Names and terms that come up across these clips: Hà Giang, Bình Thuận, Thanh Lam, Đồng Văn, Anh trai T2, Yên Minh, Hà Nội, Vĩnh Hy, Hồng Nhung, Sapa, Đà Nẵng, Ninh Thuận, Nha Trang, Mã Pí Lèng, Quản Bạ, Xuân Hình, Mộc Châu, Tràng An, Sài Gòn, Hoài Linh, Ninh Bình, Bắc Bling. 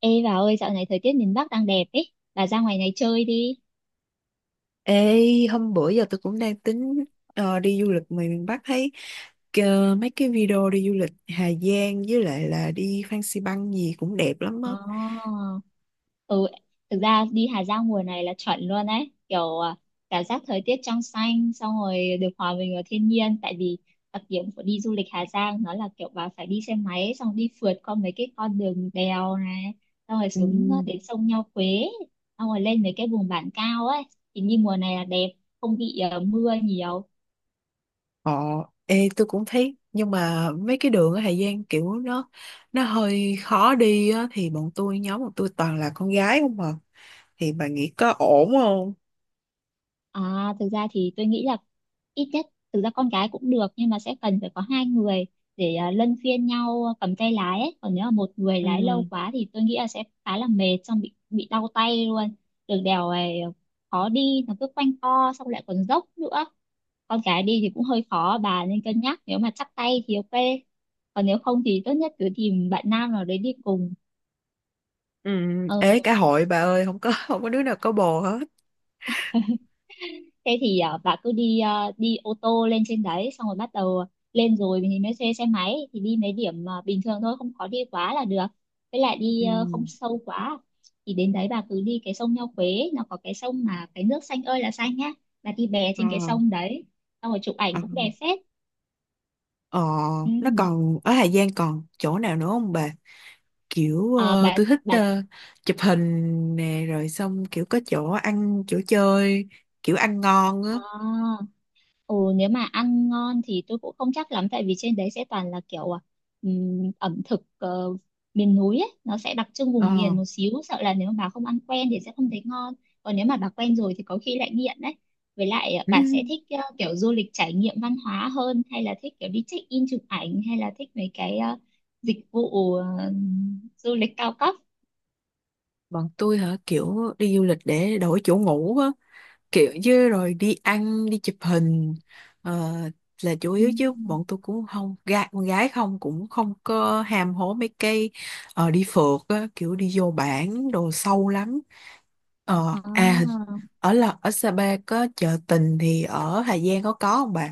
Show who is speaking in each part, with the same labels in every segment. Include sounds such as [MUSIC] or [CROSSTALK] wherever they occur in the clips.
Speaker 1: Ê bà ơi, dạo này thời tiết miền Bắc đang đẹp ấy, bà ra ngoài này chơi đi.
Speaker 2: Ê, hôm bữa giờ tôi cũng đang tính đi du lịch ngoài miền Bắc thấy mấy cái video đi du lịch Hà Giang với lại là đi Phan Xi Păng gì cũng đẹp lắm á.
Speaker 1: Ồ, ừ, thực ra đi Hà Giang mùa này là chuẩn luôn ấy, kiểu cảm giác thời tiết trong xanh, xong rồi được hòa mình vào thiên nhiên, tại vì đặc điểm của đi du lịch Hà Giang nó là kiểu bà phải đi xe máy, xong đi phượt qua mấy cái con đường đèo này, xong rồi
Speaker 2: Ừ.
Speaker 1: xuống đến sông Nho Quế, xong rồi lên mấy cái vùng bản cao ấy, thì đi mùa này là đẹp, không bị mưa nhiều.
Speaker 2: Ờ, ê, tôi cũng thấy nhưng mà mấy cái đường ở Hà Giang kiểu nó hơi khó đi á thì bọn tôi nhóm bọn tôi toàn là con gái không à. Thì bà nghĩ có ổn không?
Speaker 1: À, thực ra thì tôi nghĩ là ít nhất thực ra con gái cũng được nhưng mà sẽ cần phải có hai người để luân phiên nhau cầm tay lái ấy. Còn nếu mà một người
Speaker 2: Ừ.
Speaker 1: lái lâu quá thì tôi nghĩ là sẽ khá là mệt xong bị đau tay luôn. Đường đèo này khó đi, nó cứ quanh co xong lại còn dốc nữa. Con gái đi thì cũng hơi khó, bà nên cân nhắc, nếu mà chắp tay thì ok. Còn nếu không thì tốt nhất cứ tìm bạn nam nào đấy đi cùng.
Speaker 2: Ừ.
Speaker 1: Ờ,
Speaker 2: Ê, cả hội bà ơi, không có [LAUGHS] không có đứa nào có bồ hết.
Speaker 1: Thế thì bà cứ đi ô tô lên trên đấy, xong rồi bắt đầu lên rồi thì mới thuê xe máy, thì đi mấy điểm bình thường thôi, không có đi quá là được, với lại đi
Speaker 2: Ừ.
Speaker 1: không sâu quá, thì đến đấy bà cứ đi cái sông Nho Quế, nó có cái sông mà cái nước xanh ơi là xanh nhá, bà đi bè
Speaker 2: Ờ.
Speaker 1: trên cái sông đấy, xong rồi chụp ảnh
Speaker 2: Ờ.
Speaker 1: cũng đẹp phết.
Speaker 2: Ờ,
Speaker 1: Ừ.
Speaker 2: nó còn ở Hà Giang còn chỗ nào nữa không bà? Kiểu
Speaker 1: à, bà
Speaker 2: tôi thích
Speaker 1: bà
Speaker 2: chụp hình nè rồi xong kiểu có chỗ ăn chỗ chơi kiểu ăn ngon á.
Speaker 1: ờ, Ừ, nếu mà ăn ngon thì tôi cũng không chắc lắm, tại vì trên đấy sẽ toàn là kiểu ẩm thực miền núi ấy, nó sẽ đặc trưng vùng
Speaker 2: Ờ.
Speaker 1: miền một xíu, sợ là nếu mà bà không ăn quen thì sẽ không thấy ngon, còn nếu mà bà quen rồi thì có khi lại nghiện đấy. Với lại
Speaker 2: [LAUGHS]
Speaker 1: bà sẽ
Speaker 2: Ừ.
Speaker 1: thích kiểu du lịch trải nghiệm văn hóa hơn, hay là thích kiểu đi check in chụp ảnh, hay là thích mấy cái dịch vụ du lịch cao cấp?
Speaker 2: Bọn tôi hả, kiểu đi du lịch để đổi chỗ ngủ á, kiểu chứ rồi đi ăn đi chụp hình ờ, là chủ yếu, chứ
Speaker 1: Ừm.
Speaker 2: bọn tôi cũng không con gái không cũng không có ham hố mấy cây đi phượt á, kiểu đi vô bản đồ sâu lắm. Ờ, à,
Speaker 1: À.
Speaker 2: ở là ở Sapa có chợ tình thì ở Hà Giang có không bạn?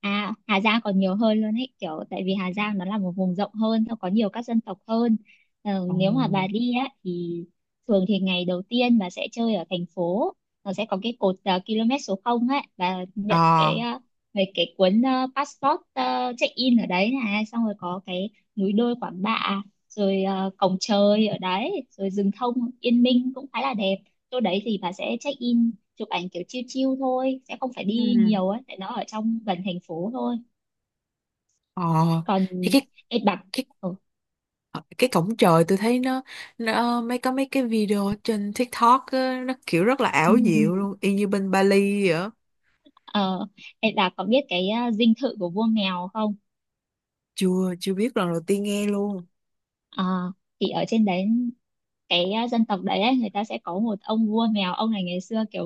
Speaker 1: Hà Giang còn nhiều hơn luôn ấy, kiểu tại vì Hà Giang nó là một vùng rộng hơn, nó có nhiều các dân tộc hơn.
Speaker 2: Ờ.
Speaker 1: Nếu mà bà đi á thì thường thì ngày đầu tiên bà sẽ chơi ở thành phố, nó sẽ có cái cột km số 0 ấy, và nhận
Speaker 2: Ờ.
Speaker 1: cái về cái cuốn passport check in ở đấy này, xong rồi có cái núi đôi Quản Bạ, rồi cổng trời ở đấy, rồi rừng thông Yên Minh cũng khá là đẹp. Chỗ đấy thì bà sẽ check in chụp ảnh kiểu chill chill thôi, sẽ không phải
Speaker 2: Ừ.
Speaker 1: đi nhiều ấy, tại nó ở trong gần thành phố thôi.
Speaker 2: Ờ.
Speaker 1: Còn
Speaker 2: Thì
Speaker 1: Ê Bà
Speaker 2: cái
Speaker 1: ừ.
Speaker 2: ờ, cái cổng trời tôi thấy nó mấy có mấy cái video ở trên TikTok á, nó kiểu rất là ảo diệu luôn, y như bên Bali vậy á.
Speaker 1: ờ, Ê, có biết cái dinh thự của vua mèo không?
Speaker 2: Chưa chưa biết, lần đầu tiên nghe luôn.
Speaker 1: Ờ, thì ở trên đấy cái dân tộc đấy ấy, người ta sẽ có một ông vua mèo, ông này ngày xưa kiểu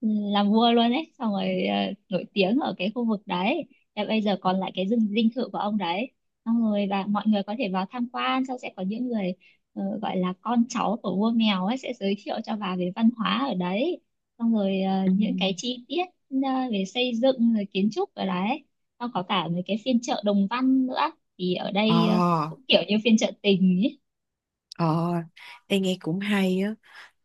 Speaker 1: ừ, làm vua luôn ấy, xong rồi nổi tiếng ở cái khu vực đấy. Và bây giờ còn lại cái dinh dinh thự của ông đấy, xong rồi và mọi người có thể vào tham quan, xong sẽ có những người gọi là con cháu của vua mèo ấy, sẽ giới thiệu cho bà về văn hóa ở đấy, xong rồi
Speaker 2: Ừ.
Speaker 1: những cái chi tiết về xây dựng rồi kiến trúc ở đấy, xong có cả mấy cái phiên chợ Đồng Văn nữa, thì ở
Speaker 2: Ờ.
Speaker 1: đây cũng kiểu như phiên chợ tình ấy.
Speaker 2: Ờ. Em nghe cũng hay á.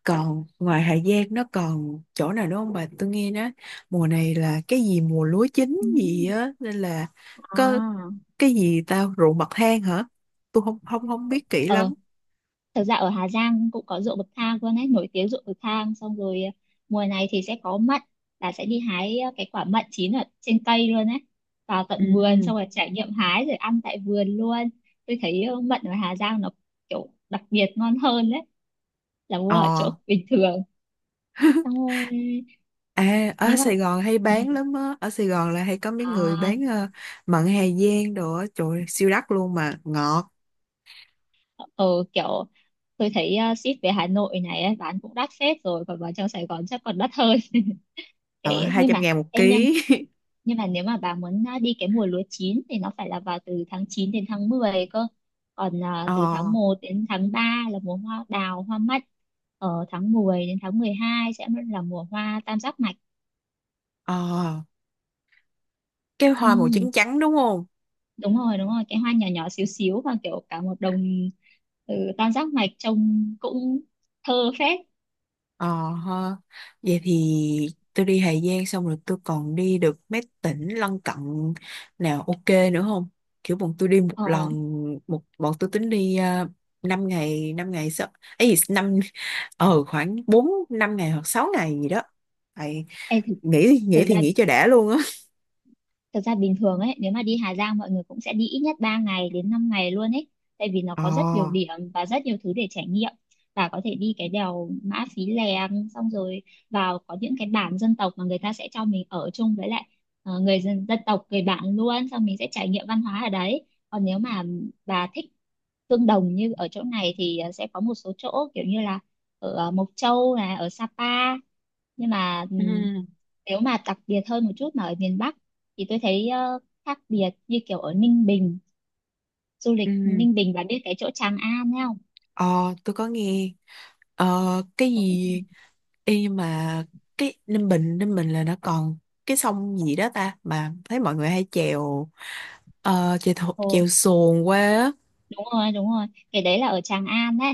Speaker 2: Còn ngoài Hà Giang nó còn chỗ nào nữa không bà? Tôi nghe nói mùa này là cái gì mùa lúa chín
Speaker 1: Ừ.
Speaker 2: gì á nên là có
Speaker 1: À.
Speaker 2: cái gì tao ruộng bậc thang hả? Tôi không không không biết kỹ
Speaker 1: Ờ,
Speaker 2: lắm.
Speaker 1: Thật ra ở Hà Giang cũng có ruộng bậc thang luôn ấy, nổi tiếng ruộng bậc thang. Xong rồi mùa này thì sẽ có mận, là sẽ đi hái cái quả mận chín ở trên cây luôn ấy. Vào
Speaker 2: Ừ.
Speaker 1: tận vườn xong rồi trải nghiệm hái rồi ăn tại vườn luôn. Tôi thấy mận ở Hà Giang nó kiểu đặc biệt ngon hơn đấy, là mua ở
Speaker 2: Ờ.
Speaker 1: chỗ [LAUGHS] bình thường. Xong
Speaker 2: [LAUGHS]
Speaker 1: rồi
Speaker 2: À, ở
Speaker 1: nếu mà
Speaker 2: Sài Gòn hay
Speaker 1: ừ,
Speaker 2: bán lắm á. Ở Sài Gòn là hay có mấy người
Speaker 1: à,
Speaker 2: bán mận Hà Giang đồ á. Trời ơi, siêu đắt luôn mà. Ngọt.
Speaker 1: ờ, kiểu tôi thấy ship về Hà Nội này ấy, bán cũng đắt phết rồi, còn vào trong Sài Gòn chắc còn đắt hơn.
Speaker 2: Ờ,
Speaker 1: Thế nhưng
Speaker 2: 200
Speaker 1: mà
Speaker 2: ngàn một
Speaker 1: em nha,
Speaker 2: ký. [LAUGHS]
Speaker 1: nhưng mà nếu mà bà muốn đi cái mùa lúa chín thì nó phải là vào từ tháng 9 đến tháng 10 cơ, còn
Speaker 2: Ờ,
Speaker 1: từ tháng 1 đến tháng 3 là mùa hoa đào hoa mắt, ở tháng 10 đến tháng 12 sẽ là mùa hoa tam giác mạch.
Speaker 2: ờ. Cái hoa màu
Speaker 1: ừ,
Speaker 2: trắng trắng đúng không?
Speaker 1: Đúng rồi, đúng rồi, cái hoa nhỏ nhỏ xíu xíu, và kiểu cả một đồng tam giác mạch trông cũng thơ phết.
Speaker 2: Ờ ha. Vậy thì tôi đi Hà Giang xong rồi tôi còn đi được mấy tỉnh lân cận nào ok nữa không? Kiểu bọn tôi đi một
Speaker 1: ờ,
Speaker 2: lần một, bọn tôi tính đi uh, 5 ngày 5 ngày sao ấy gì, năm, ờ khoảng 4 5 ngày hoặc 6 ngày gì đó. Tại
Speaker 1: ê, thực,
Speaker 2: nghĩ nghĩ
Speaker 1: thực
Speaker 2: thì
Speaker 1: ra
Speaker 2: nghĩ cho đã luôn á.
Speaker 1: Thực ra bình thường ấy, nếu mà đi Hà Giang mọi người cũng sẽ đi ít nhất 3 ngày đến 5 ngày luôn ấy. Tại vì nó
Speaker 2: Ờ.
Speaker 1: có rất nhiều điểm và rất nhiều thứ để trải nghiệm. Và có thể đi cái đèo Mã Pí Lèng, xong rồi vào có những cái bản dân tộc mà người ta sẽ cho mình ở chung với lại người dân, dân tộc, người bản luôn. Xong mình sẽ trải nghiệm văn hóa ở đấy. Còn nếu mà bà thích tương đồng như ở chỗ này thì sẽ có một số chỗ kiểu như là ở Mộc Châu này, ở Sapa. Nhưng mà
Speaker 2: Ừ.
Speaker 1: nếu mà đặc biệt hơn một chút mà ở miền Bắc thì tôi thấy khác biệt như kiểu ở Ninh Bình. Du lịch
Speaker 2: Ừ.
Speaker 1: Ninh Bình, bạn biết cái chỗ Tràng An ấy không?
Speaker 2: Ờ tôi có nghe ờ cái gì. Ê, nhưng mà cái Ninh Bình là nó còn cái sông gì đó ta, mà thấy mọi người hay chèo ờ, chèo thồ-
Speaker 1: Ồ,
Speaker 2: chèo xuồng qua á.
Speaker 1: đúng rồi, đúng rồi, cái đấy là ở Tràng An đấy,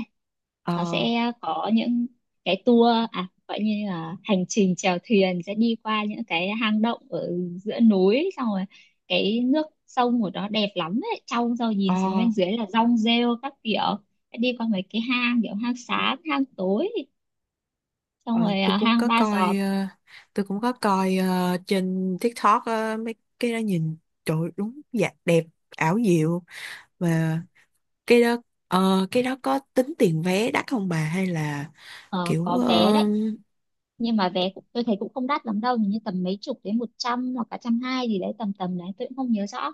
Speaker 1: nó
Speaker 2: Ờ.
Speaker 1: sẽ có những cái tour gọi như là hành trình chèo thuyền, sẽ đi qua những cái hang động ở giữa núi, xong rồi cái nước sông của nó đẹp lắm đấy, trong rồi
Speaker 2: Ờ.
Speaker 1: nhìn xuống bên dưới là rong rêu các kiểu, đi qua mấy cái hang kiểu hang sáng hang tối, xong
Speaker 2: ờ,
Speaker 1: rồi
Speaker 2: tôi cũng
Speaker 1: hang
Speaker 2: có
Speaker 1: ba
Speaker 2: coi
Speaker 1: giọt.
Speaker 2: ờ, tôi cũng có coi trên TikTok á, mấy cái đó nhìn trời ơi, đúng dạ đẹp ảo diệu, và cái đó cái đó có tính tiền vé đắt không bà, hay là
Speaker 1: Ờ,
Speaker 2: kiểu
Speaker 1: có vé đấy, nhưng mà vé cũng, tôi thấy cũng không đắt lắm đâu, hình như tầm mấy chục đến 100, hoặc cả trăm hai gì đấy, tầm tầm đấy tôi cũng không nhớ rõ.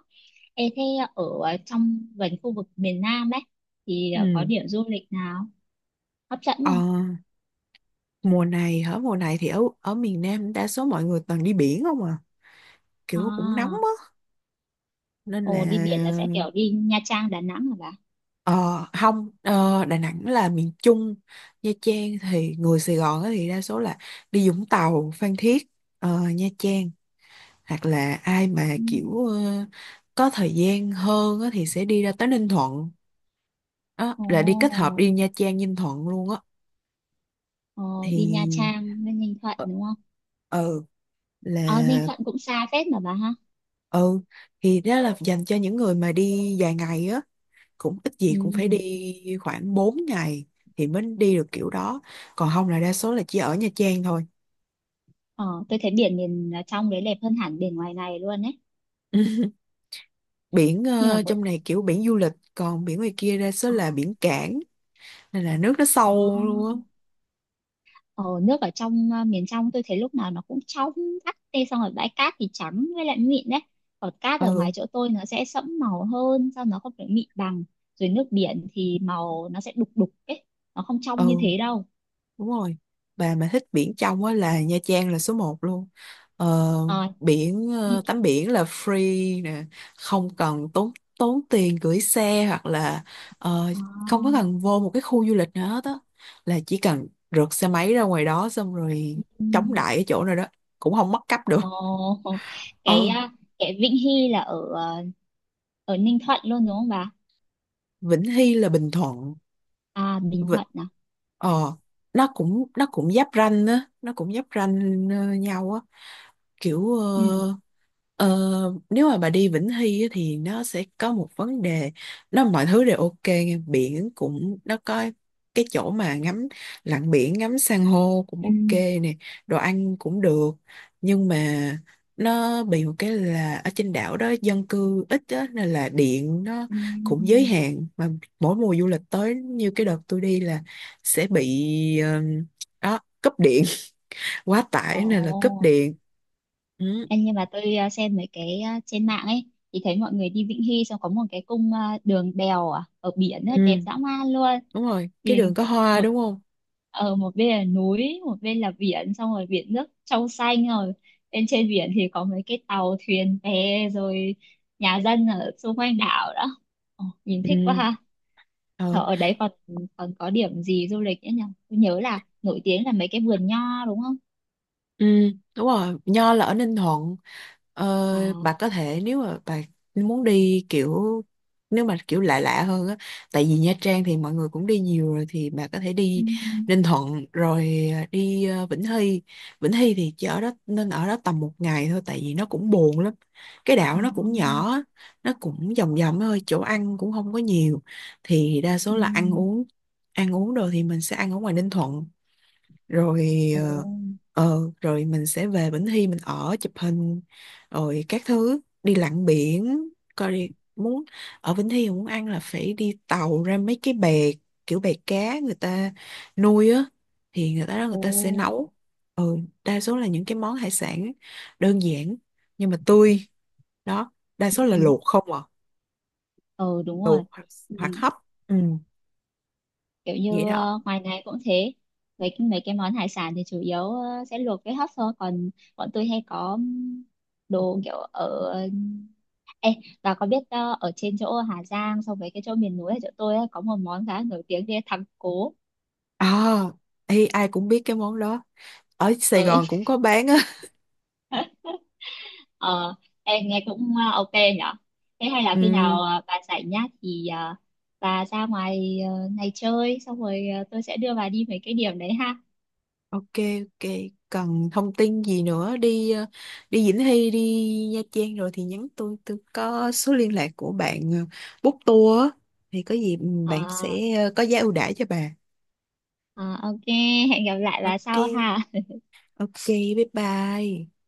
Speaker 1: Ê, thế ở trong gần khu vực miền Nam ấy thì có
Speaker 2: ừ,
Speaker 1: điểm du lịch nào hấp dẫn
Speaker 2: ờ,
Speaker 1: không?
Speaker 2: mùa này hả, mùa này thì ở ở miền Nam đa số mọi người toàn đi biển không à, kiểu cũng nóng
Speaker 1: à
Speaker 2: á nên là
Speaker 1: Ồ, đi biển là sẽ kiểu đi Nha Trang Đà Nẵng hả bà?
Speaker 2: ờ không, Đà Nẵng là miền Trung. Nha Trang thì người Sài Gòn á thì đa số là đi Vũng Tàu, Phan Thiết, Nha Trang, hoặc là ai mà
Speaker 1: Ừ.
Speaker 2: kiểu có thời gian hơn á thì sẽ đi ra tới Ninh Thuận, đó, là đi kết hợp
Speaker 1: ồ
Speaker 2: đi Nha Trang Ninh Thuận luôn á.
Speaker 1: ờ, Đi Nha
Speaker 2: Thì
Speaker 1: Trang với Ninh Thuận
Speaker 2: ờ,
Speaker 1: đúng không?
Speaker 2: ừ
Speaker 1: Ờ Ninh
Speaker 2: là
Speaker 1: Thuận cũng xa phết mà bà ha.
Speaker 2: ừ thì đó là dành cho những người mà đi dài ngày á, cũng ít gì
Speaker 1: Ừ.
Speaker 2: cũng phải đi khoảng 4 ngày thì mới đi được kiểu đó, còn không là đa số là chỉ ở Nha Trang thôi.
Speaker 1: ờ tôi thấy biển miền trong đấy đẹp hơn hẳn biển ngoài này luôn ấy,
Speaker 2: [LAUGHS] Biển
Speaker 1: nhưng mà mỗi
Speaker 2: trong này kiểu biển du lịch, còn biển ngoài kia đa số
Speaker 1: ờ,
Speaker 2: là biển cảng nên là nước nó
Speaker 1: ờ.
Speaker 2: sâu luôn á.
Speaker 1: Ờ, nước ở trong miền trong tôi thấy lúc nào nó cũng trongắt tê, xong rồi bãi cát thì trắng với lại mịn đấy, còn cát ở ngoài
Speaker 2: Ừ.
Speaker 1: chỗ tôi nó sẽ sẫm màu hơn sao, nó không phải mịn bằng, rồi nước biển thì màu nó sẽ đục đục ấy, nó không trong như
Speaker 2: Ừ.
Speaker 1: thế đâu.
Speaker 2: Đúng rồi. Bà mà thích biển trong á là Nha Trang là số một luôn. Ờ,
Speaker 1: ờ
Speaker 2: biển
Speaker 1: như
Speaker 2: tắm biển là free nè, không cần tốn tốn tiền gửi xe, hoặc là ờ,
Speaker 1: ờ,
Speaker 2: không có cần vô một cái khu du lịch nào hết á, là chỉ cần rượt xe máy ra ngoài đó xong rồi chống
Speaker 1: ừm,
Speaker 2: đại ở chỗ nào đó cũng không mất cắp
Speaker 1: ờ,
Speaker 2: được.
Speaker 1: [LAUGHS] cái
Speaker 2: Ờ,
Speaker 1: ờ, cái Vĩnh Hy là ở ở Ninh Thuận luôn đúng không bà?
Speaker 2: Vĩnh Hy là Bình Thuận.
Speaker 1: À, Bình
Speaker 2: Vịnh
Speaker 1: Thuận à?
Speaker 2: ờ, nó cũng giáp ranh á, nó cũng giáp ranh nhau á, kiểu
Speaker 1: Ừ.
Speaker 2: ờ, nếu mà bà đi Vĩnh Hy á, thì nó sẽ có một vấn đề, nó mọi thứ đều ok nghe. Biển cũng nó có cái chỗ mà ngắm lặn biển ngắm san hô cũng
Speaker 1: Ừ.
Speaker 2: ok nè, đồ ăn cũng được, nhưng mà nó bị một cái là ở trên đảo đó dân cư ít á, nên là điện nó cũng giới
Speaker 1: Ừ.
Speaker 2: hạn mà mỗi mùa du lịch tới như cái đợt tôi đi là sẽ bị ờ, đó cúp điện [LAUGHS] quá
Speaker 1: Ồ.
Speaker 2: tải nên là cúp điện. Ừ.
Speaker 1: Em nhưng mà tôi xem mấy cái trên mạng ấy thì thấy mọi người đi Vĩnh Hy xong có một cái cung đường đèo ở biển ấy,
Speaker 2: Ừ,
Speaker 1: đẹp dã man luôn.
Speaker 2: đúng rồi, cái
Speaker 1: Thì
Speaker 2: đường có
Speaker 1: ờ,
Speaker 2: hoa
Speaker 1: một
Speaker 2: đúng không?
Speaker 1: ở một bên là núi, một bên là biển, xong rồi biển nước trong xanh, rồi bên trên biển thì có mấy cái tàu thuyền bè, rồi nhà dân ở xung quanh đảo đó. Ồ, nhìn
Speaker 2: Ừ,
Speaker 1: thích quá ha. Thở
Speaker 2: ờ.
Speaker 1: ở đấy còn còn có điểm gì du lịch nữa nhỉ? Tôi nhớ là nổi tiếng là mấy cái vườn nho đúng không?
Speaker 2: Ừ, đúng rồi, Nho là ở Ninh Thuận.
Speaker 1: À.
Speaker 2: Ờ, bà có thể, nếu mà bà muốn đi kiểu, nếu mà kiểu lạ lạ hơn á, tại vì Nha Trang thì mọi người cũng đi nhiều rồi thì bà có thể
Speaker 1: Ừ.
Speaker 2: đi Ninh Thuận rồi à, đi Vĩnh Hy. Vĩnh Hy thì chỉ ở đó nên ở đó tầm một ngày thôi tại vì nó cũng buồn lắm. Cái
Speaker 1: ờ,
Speaker 2: đảo nó cũng nhỏ á, nó cũng vòng vòng thôi, chỗ ăn cũng không có nhiều, thì đa
Speaker 1: ừ.
Speaker 2: số là ăn uống đồ thì mình sẽ ăn ở ngoài Ninh Thuận rồi
Speaker 1: Ồ.
Speaker 2: rồi mình sẽ về Bình Thi mình ở chụp hình rồi các thứ, đi lặn biển coi, đi muốn ở Bình Thi mà muốn ăn là phải đi tàu ra mấy cái bè, kiểu bè cá người ta nuôi á, thì người ta đó người
Speaker 1: Ồ.
Speaker 2: ta sẽ nấu, ừ, đa số là những cái món hải sản đơn giản nhưng mà tươi, đó, đa số là
Speaker 1: Ừ.
Speaker 2: luộc không à,
Speaker 1: Ừ, đúng rồi.
Speaker 2: luộc hoặc,
Speaker 1: Ừ.
Speaker 2: hoặc hấp, ừ,
Speaker 1: Kiểu
Speaker 2: vậy
Speaker 1: như
Speaker 2: đó.
Speaker 1: ngoài này cũng thế. Mấy cái món hải sản thì chủ yếu sẽ luộc với hấp thôi. Còn bọn tôi hay có đồ kiểu ở... Ê, và có biết ở trên chỗ Hà Giang so với cái chỗ miền núi ở chỗ tôi ấy, có một món khá nổi tiếng kia, thắng cố.
Speaker 2: À, ê, ai cũng biết cái món đó, ở Sài
Speaker 1: Ừ.
Speaker 2: Gòn cũng
Speaker 1: [LAUGHS]
Speaker 2: có bán á.
Speaker 1: Ờ, em nghe cũng ok nhở. Thế hay là
Speaker 2: [LAUGHS]
Speaker 1: khi
Speaker 2: Ừ.
Speaker 1: nào bà rảnh nhá, thì bà ra ngoài này chơi, xong rồi tôi sẽ đưa bà đi mấy cái điểm đấy ha.
Speaker 2: Ok, ok. Cần thông tin gì nữa đi đi Vĩnh Hy, đi Nha Trang rồi thì nhắn tôi có số liên lạc của bạn book tour á, thì có gì ừ, bạn
Speaker 1: Ờ,
Speaker 2: sẽ có giá ưu đãi cho bà.
Speaker 1: ờ, ok, hẹn gặp lại bà
Speaker 2: Ok,
Speaker 1: sau ha.
Speaker 2: ok, bye bye.